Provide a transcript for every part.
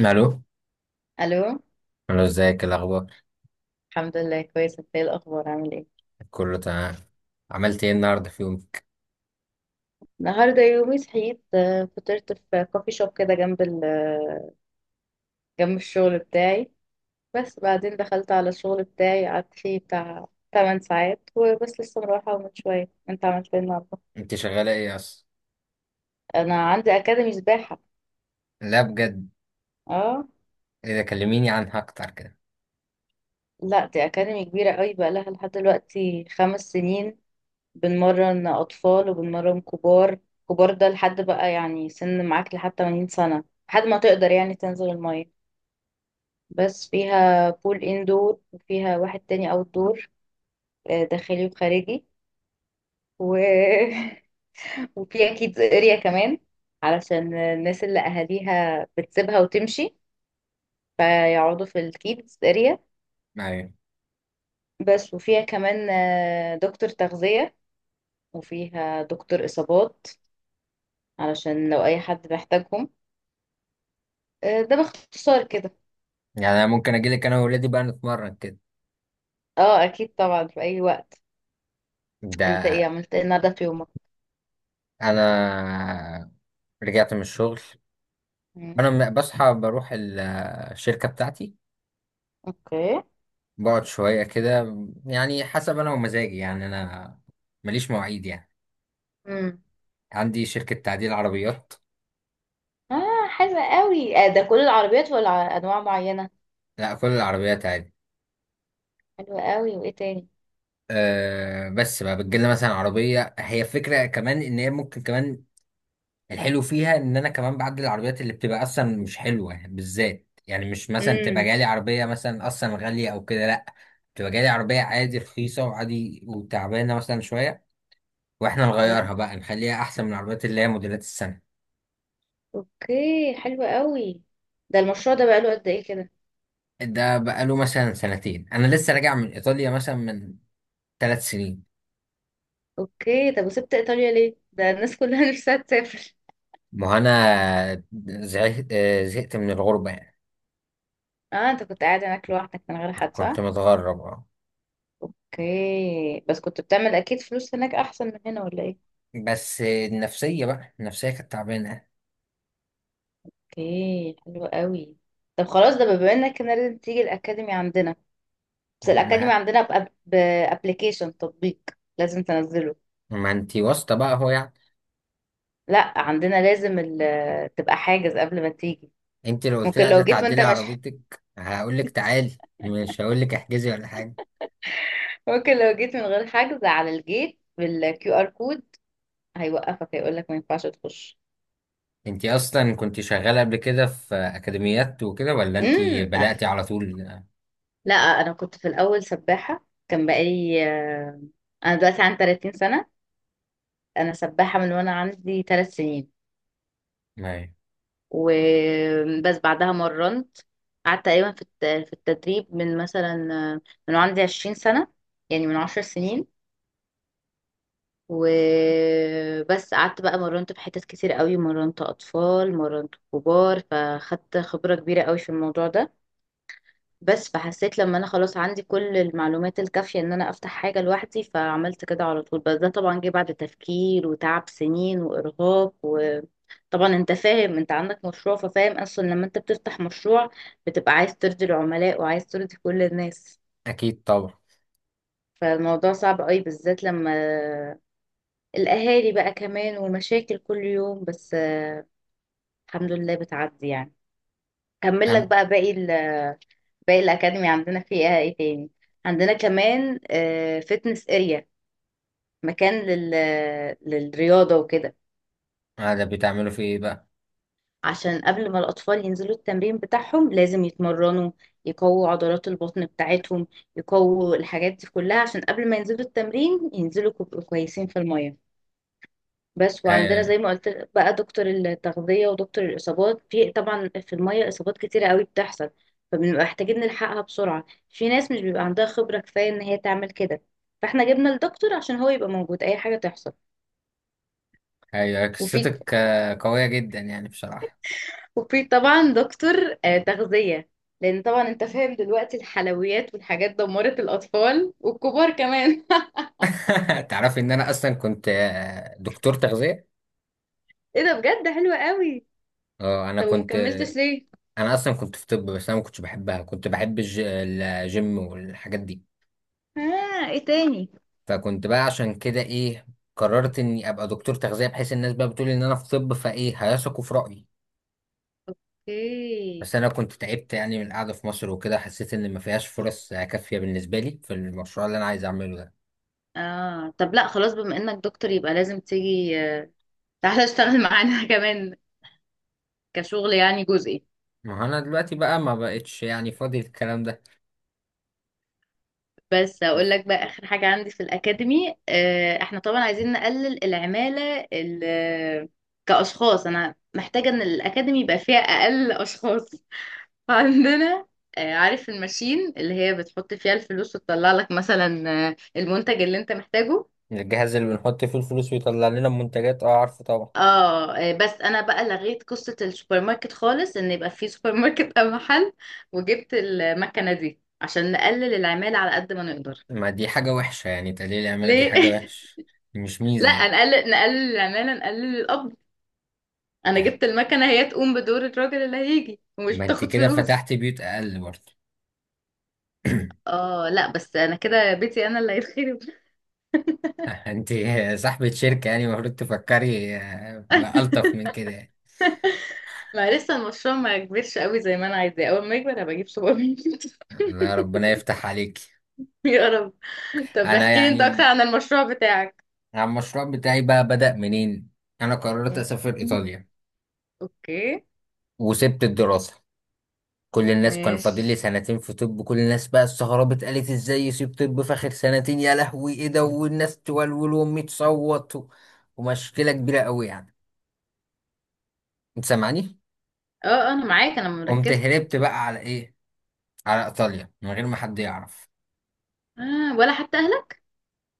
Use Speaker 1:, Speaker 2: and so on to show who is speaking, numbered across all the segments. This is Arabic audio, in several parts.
Speaker 1: الو.
Speaker 2: الو.
Speaker 1: الو، ازيك الاخبار؟
Speaker 2: الحمد لله كويسه، انت ايه الاخبار؟ عامل ايه؟
Speaker 1: كله تمام. عملت ايه النهارده في يومك؟
Speaker 2: النهارده يومي صحيت، فطرت في كوفي شوب كده جنب جنب الشغل بتاعي. بس بعدين دخلت على الشغل بتاعي، قعدت فيه بتاع 8 ساعات وبس. لسه مروحه من شويه. انت عملت ايه النهارده؟
Speaker 1: انت شغاله ايه اصلا؟
Speaker 2: انا عندي اكاديمي سباحه.
Speaker 1: لا بجد؟
Speaker 2: اه.
Speaker 1: اذا كلميني عنها اكتر كده.
Speaker 2: لا دي اكاديمي كبيره قوي، بقى لها لحد دلوقتي 5 سنين. بنمرن اطفال وبنمرن كبار. كبار ده لحد بقى يعني سن معاك لحد 80 سنه، لحد ما تقدر يعني تنزل الميه. بس فيها بول اندور، وفيها واحد تاني اوت دور، داخلي وخارجي. و... وفي اكيد اريا كمان علشان الناس اللي اهاليها بتسيبها وتمشي، فيقعدوا في الكيدز اريا
Speaker 1: ايوه.
Speaker 2: بس. وفيها كمان دكتور تغذية، وفيها دكتور اصابات علشان لو اي حد محتاجهم. ده باختصار كده.
Speaker 1: يعني انا ممكن اجيلك انا وولادي بقى نتمرن كده.
Speaker 2: اه اكيد طبعا في اي وقت. انت
Speaker 1: ده
Speaker 2: ايه عملت ايه النهارده في يومك؟
Speaker 1: انا رجعت من الشغل.
Speaker 2: مم.
Speaker 1: بصحى بروح الشركه بتاعتي.
Speaker 2: اوكي.
Speaker 1: بقعد شويه كده، يعني حسب انا ومزاجي، يعني انا ماليش مواعيد يعني. عندي شركه تعديل عربيات.
Speaker 2: اه حلوة قوي، آه ده كل العربيات ولا انواع معينة؟
Speaker 1: لا كل العربيات.
Speaker 2: حلوة قوي، وايه تاني؟
Speaker 1: آه بس بقى بتجيلنا مثلا عربية، هي فكرة كمان ان هي ممكن كمان، الحلو فيها ان انا كمان بعدل العربيات اللي بتبقى اصلا مش حلوة بالذات، يعني مش مثلا تبقى
Speaker 2: امم.
Speaker 1: جالي عربية مثلا اصلا غالية او كده، لا، تبقى جالي عربية عادي رخيصة وعادي وتعبانة مثلا شوية، واحنا
Speaker 2: تمام.
Speaker 1: نغيرها بقى نخليها احسن من العربيات اللي هي موديلات السنة.
Speaker 2: اوكي حلوة قوي. ده المشروع ده بقاله قد ايه كده؟
Speaker 1: ده بقاله مثلا سنتين، انا لسه راجع من ايطاليا مثلا من 3 سنين.
Speaker 2: اوكي. طب وسبت ايطاليا ليه؟ ده الناس كلها نفسها تسافر.
Speaker 1: ما هو انا زهقت، زهقت من الغربة يعني.
Speaker 2: اه انت كنت قاعد هناك لوحدك من غير حد، صح؟
Speaker 1: كنت متغرب.
Speaker 2: اوكي، بس كنت بتعمل اكيد فلوس هناك احسن من هنا ولا ايه؟
Speaker 1: بس النفسية بقى، النفسية كانت تعبانة.
Speaker 2: اوكي حلوة قوي. طب خلاص، ده بما انك كده لازم تيجي الاكاديمي عندنا. بس الاكاديمي
Speaker 1: ما
Speaker 2: عندنا بابليكيشن، تطبيق لازم تنزله.
Speaker 1: انتي واسطة بقى اهو يعني.
Speaker 2: لا عندنا لازم تبقى حاجز قبل ما تيجي.
Speaker 1: انت لو قلت لي
Speaker 2: ممكن
Speaker 1: عايزة
Speaker 2: لو جيت وانت
Speaker 1: تعدلي
Speaker 2: مش
Speaker 1: عربيتك هقول لك تعالي، مش هقول لك احجزي ولا حاجة.
Speaker 2: ممكن لو جيت من غير حجز، على الجيت بالكيو ار كود هيوقفك، هيقول لك ما ينفعش تخش.
Speaker 1: انتي اصلا كنت شغالة قبل كده في اكاديميات وكده، ولا انتي
Speaker 2: امم.
Speaker 1: بدأتي على طول؟
Speaker 2: لا انا كنت في الاول سباحة. كان بقالي انا دلوقتي عندي 30 سنة، انا سباحة من وانا عندي 3 سنين.
Speaker 1: ما
Speaker 2: وبس بعدها مرنت. قعدت تقريبا في التدريب من مثلا، من وأنا عندي 20 سنة، يعني من 10 سنين. وبس قعدت بقى مرنت في حتت كتير قوي، مرنت اطفال مرنت كبار، فخدت خبرة كبيرة قوي في الموضوع ده. بس فحسيت لما انا خلاص عندي كل المعلومات الكافية ان انا افتح حاجة لوحدي، فعملت كده على طول. بس ده طبعا جه بعد تفكير وتعب سنين وارهاق. وطبعا انت فاهم، انت عندك مشروع ففاهم اصلا لما انت بتفتح مشروع بتبقى عايز ترضي العملاء وعايز ترضي كل الناس.
Speaker 1: اكيد طبعا.
Speaker 2: فالموضوع صعب قوي، بالذات لما الأهالي بقى كمان والمشاكل كل يوم. بس الحمد لله بتعدي يعني. كمل لك
Speaker 1: هن،
Speaker 2: بقى باقي باقي الأكاديمي. عندنا فيها ايه تاني؟ عندنا كمان فتنس اريا، مكان للرياضة وكده،
Speaker 1: هذا بتعملوا في ايه بقى؟
Speaker 2: عشان قبل ما الأطفال ينزلوا التمرين بتاعهم لازم يتمرنوا، يقووا عضلات البطن بتاعتهم، يقووا الحاجات دي كلها، عشان قبل ما ينزلوا التمرين ينزلوا كويسين في المية. بس. وعندنا
Speaker 1: هي
Speaker 2: زي ما قلت بقى دكتور التغذية ودكتور الإصابات. في طبعا في المية إصابات كتيرة قوي بتحصل، فبنبقى محتاجين نلحقها بسرعة. في ناس مش بيبقى عندها خبرة كفاية إن هي تعمل كده، فاحنا جبنا الدكتور عشان هو يبقى موجود أي حاجة تحصل. وفي
Speaker 1: قصتك قوية جدا يعني بصراحة.
Speaker 2: وفي طبعا دكتور تغذية، لأن طبعا أنت فاهم دلوقتي الحلويات والحاجات دمرت الأطفال والكبار كمان.
Speaker 1: تعرفي ان انا اصلا كنت، دكتور تغذية.
Speaker 2: إيه ده بجد، حلوة قوي.
Speaker 1: اه انا
Speaker 2: طب
Speaker 1: كنت.
Speaker 2: ومكملتش ليه؟
Speaker 1: انا اصلا كنت في طب، بس انا ما كنتش بحبها، كنت بحب الجيم والحاجات دي.
Speaker 2: آه إيه تاني؟
Speaker 1: فكنت بقى عشان كده ايه، قررت اني ابقى دكتور تغذية، بحيث الناس بقى بتقول ان انا في طب فايه هيثقوا في رأيي.
Speaker 2: اوكي.
Speaker 1: بس انا كنت تعبت يعني من القعدة في مصر وكده، حسيت ان ما فيهاش فرص كافية بالنسبة لي في المشروع اللي انا عايز اعمله ده.
Speaker 2: اه طب لا خلاص، بما انك دكتور يبقى لازم تيجي آه، تعالى اشتغل معانا كمان، كشغل يعني جزئي.
Speaker 1: ما هو انا دلوقتي بقى ما بقتش يعني فاضي الكلام ده.
Speaker 2: بس اقول لك بقى اخر حاجة عندي في الاكاديمي. احنا طبعا عايزين نقلل العمالة كاشخاص. انا محتاجة ان الاكاديمي يبقى فيها اقل اشخاص عندنا. عارف الماشين اللي هي بتحط فيها الفلوس وتطلع لك مثلا المنتج اللي انت محتاجه؟
Speaker 1: الجهاز اللي بنحط فيه الفلوس ويطلع لنا المنتجات، اه عارفه طبعا.
Speaker 2: اه بس انا بقى لغيت قصة السوبر ماركت خالص، ان يبقى في سوبر ماركت او محل، وجبت المكنة دي عشان نقلل العمالة على قد ما نقدر.
Speaker 1: ما دي حاجة وحشة يعني، تقليل العمالة دي
Speaker 2: ليه؟
Speaker 1: حاجة وحشة. دي مش ميزة
Speaker 2: لا
Speaker 1: يعني.
Speaker 2: نقلل العمالة نقلل القبض. انا جبت المكنة هي تقوم بدور الراجل اللي هيجي، ومش
Speaker 1: ما انت
Speaker 2: بتاخد
Speaker 1: كده
Speaker 2: فلوس.
Speaker 1: فتحت بيوت اقل برضه.
Speaker 2: اه لا بس انا كده بيتي انا اللي هيتخرب.
Speaker 1: انت صاحبة شركة، يعني المفروض تفكري، بألطف من كده يعني.
Speaker 2: ما لسه المشروع ما كبرش قوي زي ما انا عايزاه. اول ما يكبر هبقى اجيب سوبر ماركت.
Speaker 1: لا ربنا يفتح عليك.
Speaker 2: يا رب. طب
Speaker 1: انا
Speaker 2: احكي لي انت اكتر
Speaker 1: يعني،
Speaker 2: عن المشروع بتاعك.
Speaker 1: على المشروع بتاعي بقى بدأ منين؟ انا قررت اسافر ايطاليا
Speaker 2: اوكي.
Speaker 1: وسبت الدراسة. كل الناس كان فاضل لي
Speaker 2: ماشي.
Speaker 1: سنتين في طب، كل الناس بقى استغربت، قالت ازاي يسيب طب في اخر سنتين؟ يا لهوي ايه ده، والناس تولول، وامي تصوت و، ومشكلة كبيرة قوي يعني. انت سامعني؟
Speaker 2: اه انا معاك، انا
Speaker 1: قمت
Speaker 2: مركزه.
Speaker 1: هربت بقى على ايه، على ايطاليا، من غير ما حد يعرف.
Speaker 2: آه ولا حتى اهلك؟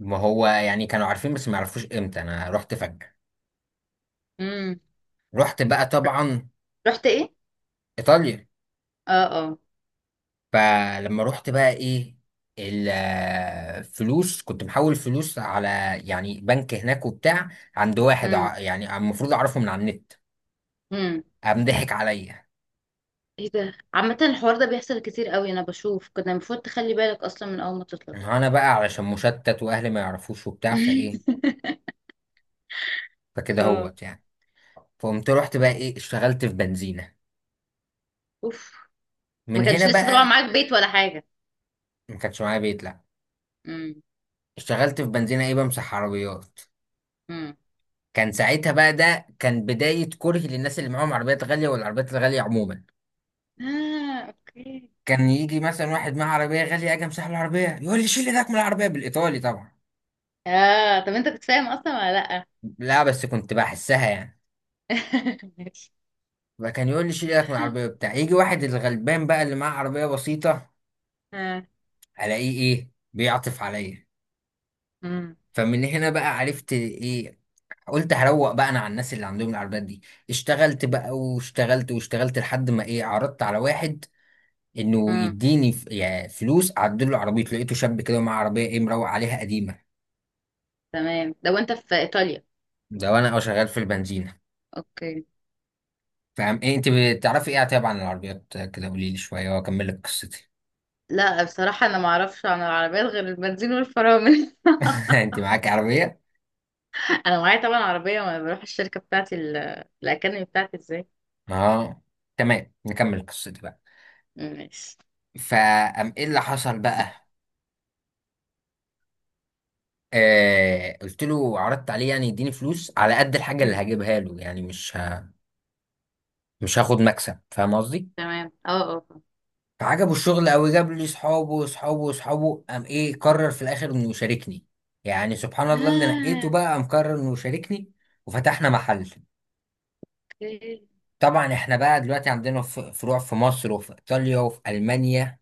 Speaker 1: ما هو يعني كانوا عارفين، بس ما يعرفوش امتى، انا رحت فجأة.
Speaker 2: امم.
Speaker 1: رحت بقى طبعا
Speaker 2: رحت ايه؟
Speaker 1: ايطاليا.
Speaker 2: اه. اه.
Speaker 1: فلما رحت بقى ايه، الفلوس كنت محول فلوس على، يعني بنك هناك وبتاع، عند واحد
Speaker 2: امم.
Speaker 1: يعني المفروض اعرفه من على النت.
Speaker 2: امم.
Speaker 1: قام ضحك عليا.
Speaker 2: ايه ده، عامه الحوار ده بيحصل كتير قوي، انا بشوف كنا المفروض تخلي بالك اصلا من اول ما تطلع.
Speaker 1: انا بقى علشان مشتت، واهلي ما يعرفوش وبتاع فايه، فكده
Speaker 2: اه.
Speaker 1: هوت يعني. فقمت رحت بقى ايه، اشتغلت في بنزينة،
Speaker 2: اوف. ما
Speaker 1: من هنا
Speaker 2: كانش لسه طبعا
Speaker 1: بقى.
Speaker 2: معاك بيت ولا حاجه؟
Speaker 1: ما كانش معايا بيت، لا.
Speaker 2: امم.
Speaker 1: اشتغلت في بنزينة ايه، بمسح عربيات.
Speaker 2: امم.
Speaker 1: كان ساعتها بقى، ده كان بداية كرهي للناس اللي معاهم عربيات غالية، والعربيات الغالية عموما.
Speaker 2: اه. اوكي.
Speaker 1: كان يجي مثلا واحد معاه عربية غالية، أجي أمسح له العربية، يقول لي شيل إيدك من العربية، بالإيطالي طبعا.
Speaker 2: اه طب انت كنت فاهم اصلا ولا لا؟
Speaker 1: لا بس كنت بحسها يعني.
Speaker 2: ماشي.
Speaker 1: فكان يقول لي شيل إيدك من العربية بتاع يجي واحد الغلبان بقى اللي معاه عربية بسيطة،
Speaker 2: اه.
Speaker 1: ألاقيه إيه، بيعطف عليا.
Speaker 2: امم.
Speaker 1: فمن هنا بقى عرفت إيه، قلت هروق بقى أنا على الناس اللي عندهم العربيات دي. اشتغلت بقى واشتغلت واشتغلت لحد ما إيه، عرضت على واحد انه
Speaker 2: امم.
Speaker 1: يديني يعني فلوس اعدل له عربيته، لقيته شاب كده ومعاه عربيه ايه، مروق عليها قديمه.
Speaker 2: تمام، لو انت في ايطاليا.
Speaker 1: ده وانا اه شغال في البنزينه.
Speaker 2: اوكي.
Speaker 1: فاهم ايه، انت بتعرفي ايه طيب عن العربيات كده؟ قولي لي شويه واكمل لك قصتي.
Speaker 2: لا بصراحة أنا معرفش عن العربيات غير البنزين والفرامل.
Speaker 1: انت معاكي عربيه؟
Speaker 2: أنا معايا طبعا عربية، وأنا بروح الشركة بتاعتي، الأكاديمي بتاعتي إزاي.
Speaker 1: اه تمام نكمل قصتي بقى.
Speaker 2: ماشي.
Speaker 1: فقام ايه اللي حصل بقى، آه قلت له، عرضت عليه يعني يديني فلوس على قد الحاجه اللي
Speaker 2: مم.
Speaker 1: هجيبها له، يعني مش هاخد مكسب، فاهم قصدي.
Speaker 2: تمام. اه اه.
Speaker 1: فعجبه الشغل قوي، جاب لي صحابه وصحابه وصحابه، قام ايه قرر في الاخر انه يشاركني. يعني سبحان الله، اللي
Speaker 2: آه،
Speaker 1: نقيته بقى قام قرر انه يشاركني، وفتحنا محل.
Speaker 2: اوكي.
Speaker 1: طبعا احنا بقى دلوقتي عندنا فروع في مصر وفي ايطاليا وفي المانيا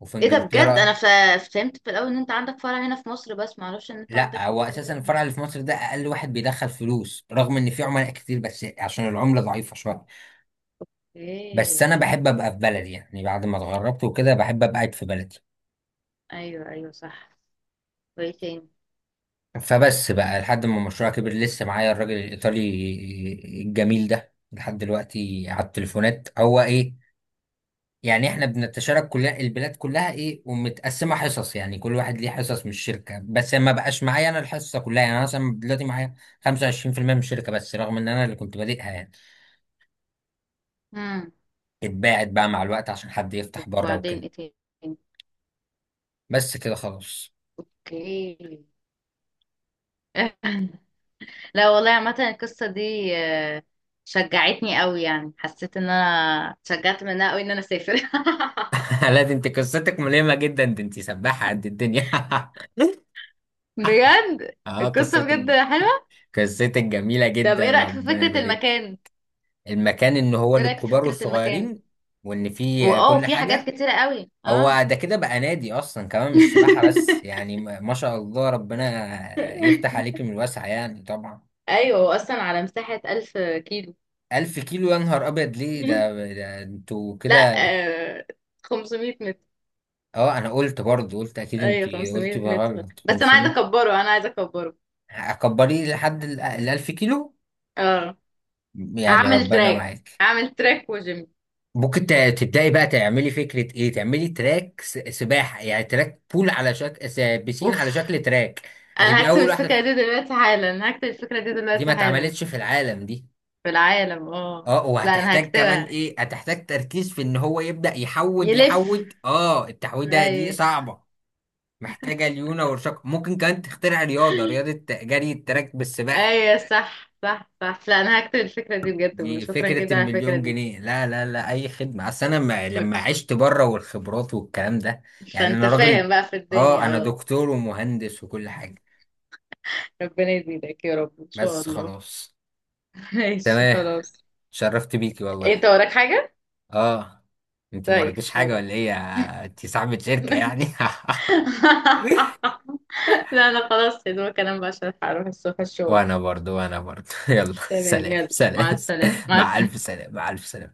Speaker 1: وفي
Speaker 2: ايه ده بجد، انا
Speaker 1: انجلترا.
Speaker 2: فهمت في الاول ان انت عندك فرع هنا في مصر، بس ما اعرفش ان انت عندك
Speaker 1: لا
Speaker 2: في
Speaker 1: هو
Speaker 2: فرع
Speaker 1: اساسا
Speaker 2: تاني.
Speaker 1: الفرع اللي في مصر ده اقل واحد بيدخل فلوس، رغم ان في عملاء كتير، بس عشان العملة ضعيفة شوية. بس
Speaker 2: اوكي.
Speaker 1: انا بحب ابقى في بلدي، يعني بعد ما اتغربت وكده بحب ابقى قاعد في بلدي.
Speaker 2: ايوه ايوه صح. وايه تاني؟
Speaker 1: فبس بقى لحد ما المشروع كبر، لسه معايا الراجل الإيطالي الجميل ده لحد دلوقتي على التليفونات، هو إيه، يعني إحنا بنتشارك كلها، البلاد كلها إيه، ومتقسمة حصص، يعني كل واحد ليه حصص من الشركة، بس ما بقاش معايا أنا الحصة كلها، يعني أنا مثلا دلوقتي معايا 25% من الشركة بس، رغم إن أنا اللي كنت بادئها يعني.
Speaker 2: امم.
Speaker 1: اتباعت بقى مع الوقت عشان حد يفتح بره
Speaker 2: وبعدين
Speaker 1: وكده.
Speaker 2: ايه تاني؟
Speaker 1: بس كده خلاص.
Speaker 2: اوكي. لا والله عامة القصة دي شجعتني قوي، يعني حسيت ان انا اتشجعت منها قوي ان انا اسافر.
Speaker 1: لا دي انت قصتك ملهمة جدا، دي انت سباحة قد الدنيا.
Speaker 2: بجد
Speaker 1: اه
Speaker 2: القصة
Speaker 1: قصتك،
Speaker 2: بجد حلوة.
Speaker 1: قصتك جميلة
Speaker 2: طب ايه
Speaker 1: جدا،
Speaker 2: رأيك في
Speaker 1: ربنا
Speaker 2: فكرة
Speaker 1: يبارك.
Speaker 2: المكان؟
Speaker 1: المكان ان هو
Speaker 2: ايه رأيك في
Speaker 1: للكبار
Speaker 2: فكرة المكان؟
Speaker 1: والصغيرين، وان فيه
Speaker 2: واه
Speaker 1: كل
Speaker 2: في حاجات
Speaker 1: حاجة.
Speaker 2: كتيرة قوي اه.
Speaker 1: هو ده كده بقى نادي اصلا كمان، مش سباحة بس يعني، ما ما شاء الله، ربنا يفتح عليك من الواسع يعني طبعا.
Speaker 2: ايوه هو اصلا على مساحة 1000 كيلو.
Speaker 1: 1000 كيلو؟ يا نهار أبيض، ليه ده, ده انتوا
Speaker 2: لا
Speaker 1: كده.
Speaker 2: 500 متر.
Speaker 1: اه أنا قلت برضه، قلت أكيد
Speaker 2: ايوه
Speaker 1: انتي
Speaker 2: 500
Speaker 1: قلتي
Speaker 2: متر،
Speaker 1: بغلط
Speaker 2: بس انا عايزة
Speaker 1: 500.
Speaker 2: اكبره، انا عايزة اكبره.
Speaker 1: أكبريه لحد ال 1000 كيلو،
Speaker 2: اه.
Speaker 1: يعني
Speaker 2: هعمل
Speaker 1: ربنا
Speaker 2: تراك،
Speaker 1: معاك.
Speaker 2: هعمل تراك وجيم.
Speaker 1: ممكن تبدأي بقى تعملي فكرة ايه، تعملي تراك سباحة، يعني تراك بول على شكل بسين
Speaker 2: اوف.
Speaker 1: على شكل تراك. هتبقي
Speaker 2: انا هكتب
Speaker 1: اول واحدة
Speaker 2: الفكرة
Speaker 1: في-
Speaker 2: دي دلوقتي حالا، هكتب الفكرة دي
Speaker 1: دي
Speaker 2: دلوقتي
Speaker 1: ما
Speaker 2: حالا.
Speaker 1: اتعملتش في العالم دي.
Speaker 2: في العالم اه.
Speaker 1: اه،
Speaker 2: لا انا
Speaker 1: وهتحتاج كمان
Speaker 2: هكتبها.
Speaker 1: ايه، هتحتاج تركيز في ان هو يبدأ يحود
Speaker 2: يلف.
Speaker 1: يحود، اه التحويدة دي
Speaker 2: اي.
Speaker 1: صعبة. محتاجة ليونة ورشاقة. ممكن كمان تخترع رياضة، رياضة جري التراك بالسباحة.
Speaker 2: اي صح صح صح، لا انا هكتب الفكرة دي بجد،
Speaker 1: دي
Speaker 2: شكرا
Speaker 1: فكرة
Speaker 2: جدا على الفكرة
Speaker 1: المليون
Speaker 2: دي.
Speaker 1: جنيه. لا لا لا، أي خدمة، أصل أنا ما
Speaker 2: شكرا.
Speaker 1: لما عشت بره والخبرات والكلام ده، يعني
Speaker 2: فانت
Speaker 1: أنا راجل،
Speaker 2: فاهم بقى في
Speaker 1: أه
Speaker 2: الدنيا،
Speaker 1: أنا
Speaker 2: اه.
Speaker 1: دكتور ومهندس وكل حاجة.
Speaker 2: ربنا يزيدك يا رب، ان شاء
Speaker 1: بس
Speaker 2: الله.
Speaker 1: خلاص.
Speaker 2: ماشي
Speaker 1: تمام.
Speaker 2: خلاص.
Speaker 1: شرفت بيكي والله.
Speaker 2: انت وراك حاجة؟
Speaker 1: أه. أنت ما
Speaker 2: طيب
Speaker 1: وراكيش حاجة
Speaker 2: خلاص.
Speaker 1: ولا إيه يا-، أنت صاحبة شركة يعني.
Speaker 2: لا انا خلاص، يا دوبك انام بقى عشان هروح الصبح الشغل.
Speaker 1: وأنا برضو، وأنا برضو. يلا
Speaker 2: تمام
Speaker 1: سلام
Speaker 2: يلا،
Speaker 1: سلام.
Speaker 2: مع السلامة مع
Speaker 1: مع ألف
Speaker 2: السلامة.
Speaker 1: سلام، مع ألف سلام.